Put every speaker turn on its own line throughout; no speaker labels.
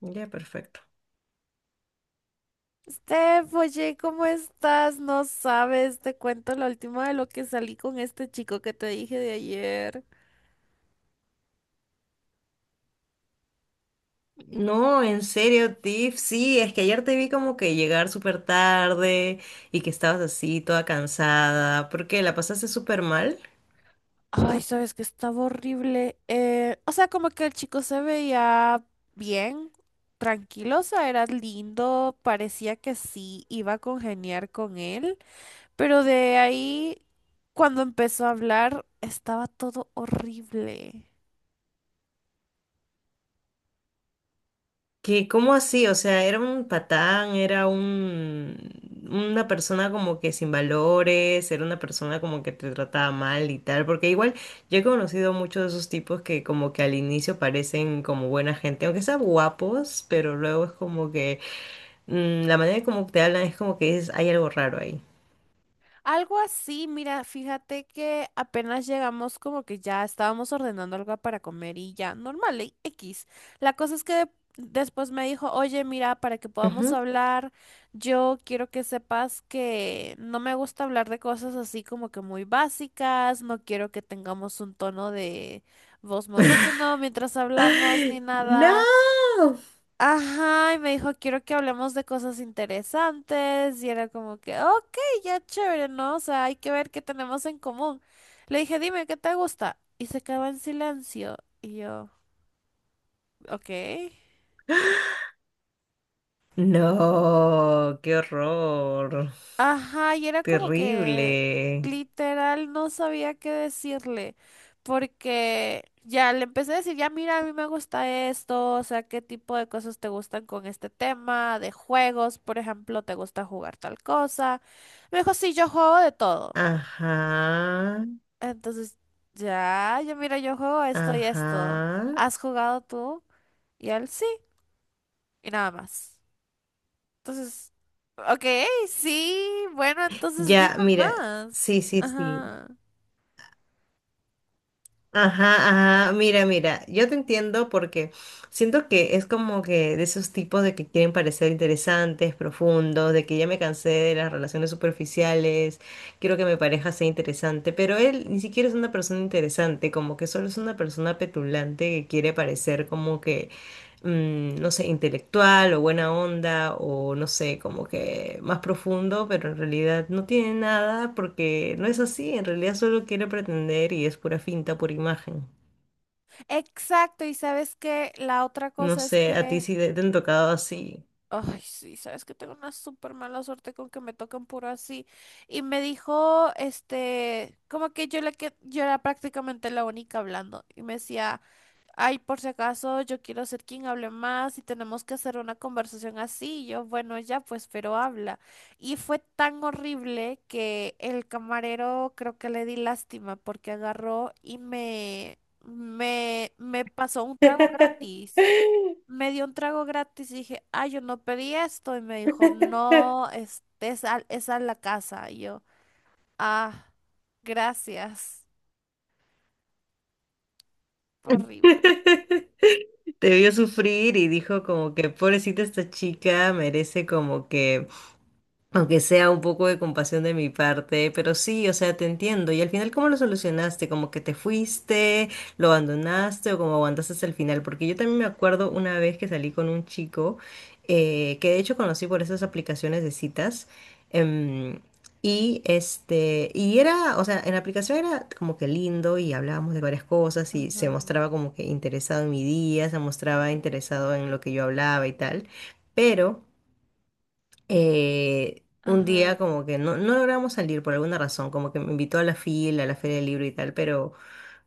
Ya, perfecto.
Steph, oye, ¿cómo estás? No sabes, te cuento la última de lo que salí con este chico que te dije de ayer.
No, en serio, Tiff, sí, es que ayer te vi como que llegar súper tarde y que estabas así toda cansada. ¿Por qué? ¿La pasaste súper mal?
Ay, sabes que estaba horrible. O sea, como que el chico se veía bien, tranquilo, o sea, era lindo, parecía que sí iba a congeniar con él, pero de ahí, cuando empezó a hablar, estaba todo horrible.
¿Qué? ¿Cómo así? O sea, era un patán, una persona como que sin valores, era una persona como que te trataba mal y tal, porque igual yo he conocido muchos de esos tipos que como que al inicio parecen como buena gente, aunque sean guapos, pero luego es como que la manera como te hablan es como que hay algo raro ahí.
Algo así, mira, fíjate que apenas llegamos como que ya estábamos ordenando algo para comer y ya, normal, X. La cosa es que después me dijo, oye, mira, para que podamos
Ujú.
hablar, yo quiero que sepas que no me gusta hablar de cosas así como que muy básicas, no quiero que tengamos un tono de voz monótono mientras hablamos ni
¡No!
nada. Ajá, y me dijo, quiero que hablemos de cosas interesantes. Y era como que, ok, ya chévere, ¿no? O sea, hay que ver qué tenemos en común. Le dije, dime, ¿qué te gusta? Y se quedó en silencio. Y yo, ok.
No, qué horror,
Ajá, y era como que
terrible.
literal no sabía qué decirle, porque ya le empecé a decir, ya mira, a mí me gusta esto, o sea, qué tipo de cosas te gustan con este tema, de juegos, por ejemplo, te gusta jugar tal cosa. Me dijo, sí, yo juego de todo.
Ajá.
Entonces, ya, ya mira, yo juego esto y esto.
Ajá.
¿Has jugado tú? Y él, sí, y nada más. Entonces, ok, sí, bueno, entonces dime
Ya, mira,
más.
sí, sí, sí.
Ajá.
Ajá, ajá, mira, mira, yo te entiendo porque siento que es como que de esos tipos de que quieren parecer interesantes, profundos, de que ya me cansé de las relaciones superficiales, quiero que mi pareja sea interesante, pero él ni siquiera es una persona interesante, como que solo es una persona petulante que quiere parecer como que no sé, intelectual o buena onda o no sé, como que más profundo, pero en realidad no tiene nada porque no es así, en realidad solo quiere pretender y es pura finta, pura imagen.
Exacto, y sabes que la otra
No
cosa es
sé, a ti
que,
sí te han tocado así.
ay, sí, sabes que tengo una súper mala suerte con que me tocan puro así. Y me dijo, este, como que yo, la que yo era prácticamente la única hablando. Y me decía, ay, por si acaso, yo quiero ser quien hable más y tenemos que hacer una conversación así. Y yo, bueno, ya pues, pero habla. Y fue tan horrible que el camarero creo que le di lástima porque agarró y me pasó un trago gratis. Me dio un trago gratis y dije, ay, yo no pedí esto. Y me dijo, no, es a la casa. Y yo, ah, gracias. Horrible.
Te vio sufrir y dijo como que pobrecita esta chica merece como que aunque sea un poco de compasión de mi parte, pero sí, o sea, te entiendo. Y al final, ¿cómo lo solucionaste? ¿Como que te fuiste, lo abandonaste o como aguantaste hasta el final? Porque yo también me acuerdo una vez que salí con un chico que de hecho conocí por esas aplicaciones de citas. em, o sea, en la aplicación era como que lindo y hablábamos de varias cosas y se
Ajá.
mostraba como que interesado en mi día, se mostraba interesado en lo que yo hablaba y tal. Pero un
Ajá.
día como que no logramos salir por alguna razón, como que me invitó a a la feria del libro y tal, pero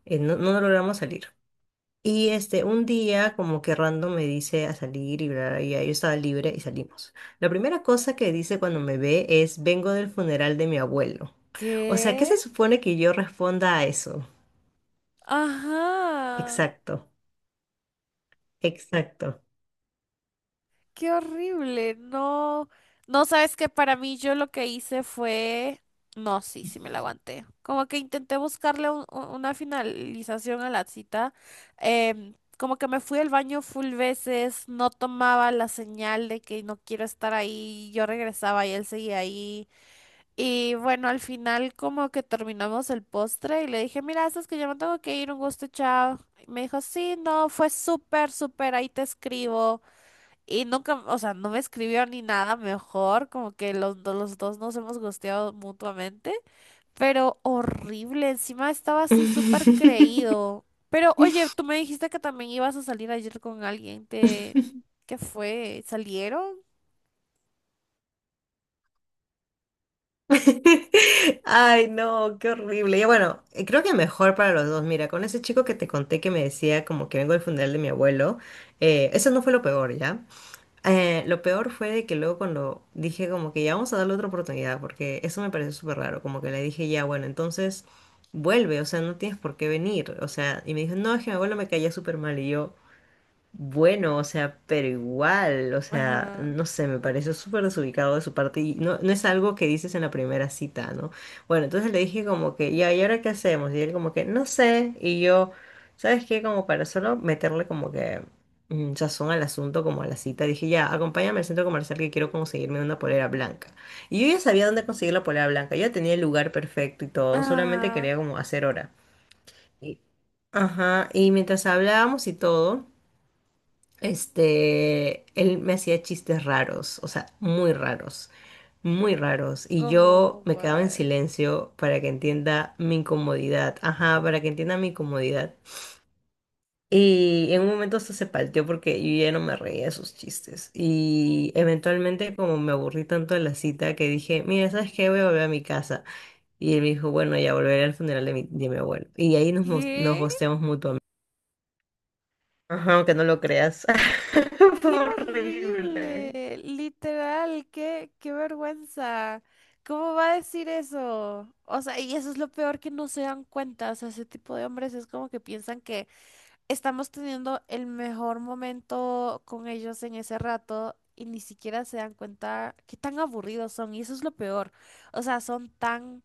no logramos salir. Y este, un día como que random me dice a salir y bla, bla, y ya yo estaba libre y salimos. La primera cosa que dice cuando me ve es, vengo del funeral de mi abuelo. O sea, ¿qué
¿Qué?
se supone que yo responda a eso?
Ajá,
Exacto, exacto.
qué horrible. No, no sabes que para mí yo lo que hice fue, no, sí me la aguanté. Como que intenté buscarle una finalización a la cita. Como que me fui al baño full veces, no tomaba la señal de que no quiero estar ahí. Yo regresaba y él seguía ahí. Y bueno, al final como que terminamos el postre y le dije, mira, sabes que yo me tengo que ir, un gusto, chao. Y me dijo, sí, no, fue súper, súper, ahí te escribo. Y nunca, o sea, no me escribió ni nada mejor, como que los dos nos hemos gusteado mutuamente, pero horrible, encima estaba así súper creído. Pero oye, tú me dijiste que también ibas a salir ayer con alguien, ¿te... ¿Qué fue? ¿Salieron?
Ay, no, qué horrible. Y bueno, creo que mejor para los dos. Mira, con ese chico que te conté que me decía como que vengo del funeral de mi abuelo, eso no fue lo peor, ¿ya? Lo peor fue de que luego cuando dije como que ya vamos a darle otra oportunidad, porque eso me pareció súper raro, como que le dije ya, bueno, entonces vuelve, o sea, no tienes por qué venir, o sea, y me dijo, no, es que mi abuelo me caía súper mal y yo... Bueno, o sea, pero igual, o sea,
Ajá.
no sé, me pareció súper desubicado de su parte y no es algo que dices en la primera cita, ¿no? Bueno, entonces le dije como que, ya, ¿y ahora qué hacemos? Y él como que, no sé, y yo, ¿sabes qué? Como para solo meterle como que sazón al asunto, como a la cita, dije, ya, acompáñame al centro comercial que quiero conseguirme una polera blanca. Y yo ya sabía dónde conseguir la polera blanca, yo ya tenía el lugar perfecto y todo, solamente
Ah,
quería como hacer hora. Y- Ajá, y mientras hablábamos y todo. Este, él me hacía chistes raros, o sea, muy raros, muy raros. Y yo
como,
me quedaba en
what?
silencio para que entienda mi incomodidad. Ajá, para que entienda mi incomodidad. Y en un momento esto se palteó porque yo ya no me reía de sus chistes. Y eventualmente como me aburrí tanto de la cita que dije, mira, ¿sabes qué? Voy a volver a mi casa. Y él me dijo, bueno, ya volveré al funeral de mi abuelo. Y ahí nos
¿Qué?
gosteamos mutuamente. Ajá, aunque no lo creas. Fue
¡Qué
horrible.
horrible! Literal, qué, qué vergüenza. ¿Cómo va a decir eso? O sea, y eso es lo peor que no se dan cuenta. O sea, ese tipo de hombres es como que piensan que estamos teniendo el mejor momento con ellos en ese rato y ni siquiera se dan cuenta qué tan aburridos son. Y eso es lo peor. O sea, son tan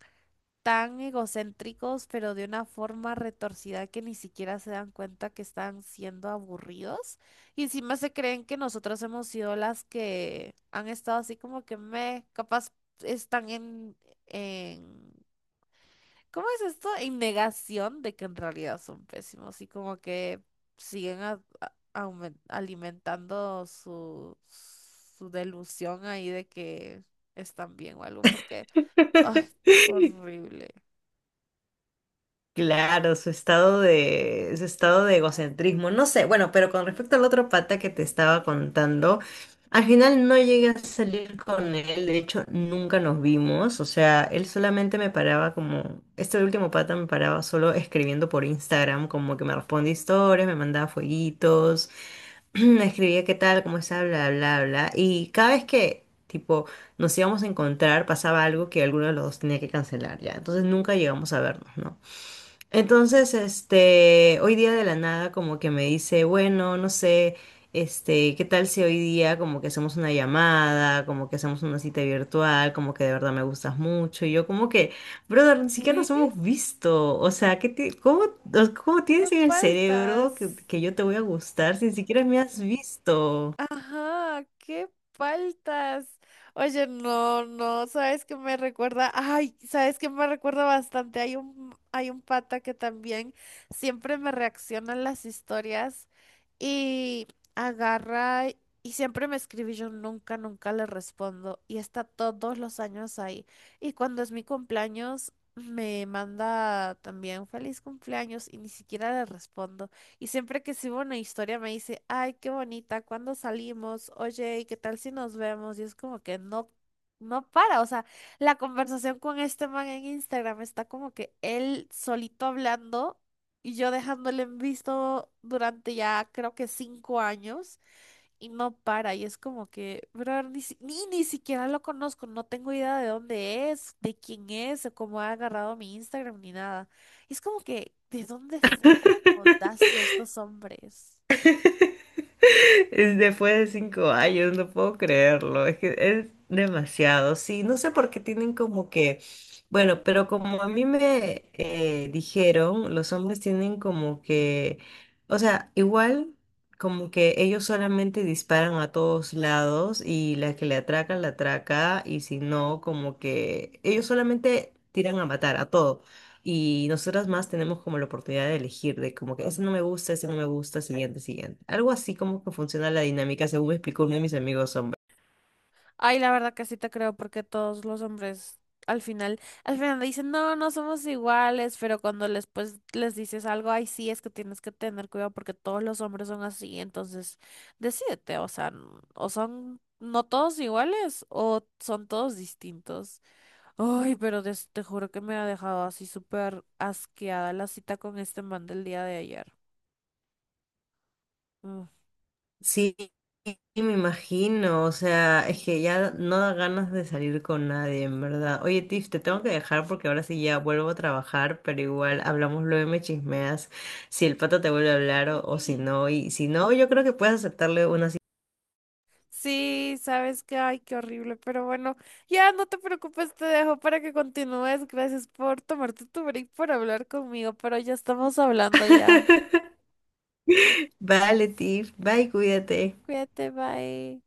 tan egocéntricos, pero de una forma retorcida que ni siquiera se dan cuenta que están siendo aburridos. Y encima se creen que nosotros hemos sido las que han estado así como que me, capaz están en, ¿cómo es esto? En negación de que en realidad son pésimos y como que siguen alimentando su delusión ahí de que están bien o algo, porque, ay, horrible.
Claro, su estado de egocentrismo, no sé, bueno, pero con respecto al otro pata que te estaba contando, al final no llegué a salir con él, de hecho nunca nos vimos, o sea, él solamente me paraba como, este último pata me paraba solo escribiendo por Instagram, como que me respondía historias, me mandaba fueguitos. Escribía qué tal, cómo está, bla, bla, bla. Y cada vez que, tipo, nos íbamos a encontrar, pasaba algo que alguno de los dos tenía que cancelar, ya. Entonces nunca llegamos a vernos, ¿no? Entonces, este, hoy día de la nada como que me dice, bueno, no sé, este, ¿qué tal si hoy día como que hacemos una llamada, como que hacemos una cita virtual, como que de verdad me gustas mucho? Y yo como que, brother, ni siquiera nos hemos visto, o sea, ¿cómo, cómo
¿Qué
tienes en el cerebro
faltas?
que yo te voy a gustar si ni siquiera me has visto?
Ajá, ¿qué faltas? Oye, no, no, ¿sabes qué me recuerda? Ay, ¿sabes qué me recuerda bastante? Hay un pata que también siempre me reacciona en las historias y agarra y siempre me escribe y yo nunca le respondo y está todos los años ahí. Y cuando es mi cumpleaños, me manda también feliz cumpleaños y ni siquiera le respondo. Y siempre que subo una historia me dice, ay, qué bonita, ¿cuándo salimos? Oye, ¿y qué tal si nos vemos? Y es como que no, no para. O sea, la conversación con este man en Instagram está como que él solito hablando y yo dejándole en visto durante ya creo que 5 años y no para. Y es como que, brother, ni, si- ni, ni siquiera lo conozco, no tengo idea de dónde es, de quién es, o cómo ha agarrado mi Instagram, ni nada. Y es como que, ¿de dónde sacan la audacia estos hombres?
Es Después de 5 años, no puedo creerlo. Es que es demasiado. Sí, no sé por qué tienen como que, bueno, pero como a mí me dijeron, los hombres tienen como que, o sea, igual como que ellos solamente disparan a todos lados y la que le atraca, la atraca y si no, como que ellos solamente tiran a matar a todo. Y nosotras más tenemos como la oportunidad de elegir, de como que ese no me gusta, ese no me gusta, siguiente, siguiente. Algo así como que funciona la dinámica, según me explicó uno de mis amigos hombres.
Ay, la verdad que sí te creo porque todos los hombres al final dicen, no, no somos iguales, pero cuando les, pues, les dices algo, ay, sí, es que tienes que tener cuidado porque todos los hombres son así, entonces decídete, o sea, o son no todos iguales o son todos distintos. Ay, pero te juro que me ha dejado así súper asqueada la cita con este man del día de ayer.
Sí, me imagino, o sea, es que ya no da ganas de salir con nadie, en verdad. Oye, Tiff, te tengo que dejar porque ahora sí ya vuelvo a trabajar, pero igual hablamos luego y me chismeas si el pato te vuelve a hablar o si no. Y si no, yo creo que puedes aceptarle una cita.
Sí, sabes que, ay, qué horrible, pero bueno, ya no te preocupes, te dejo para que continúes. Gracias por tomarte tu break, por hablar conmigo, pero ya estamos hablando ya.
Vale, Tiff, bye, cuídate.
Cuídate, bye.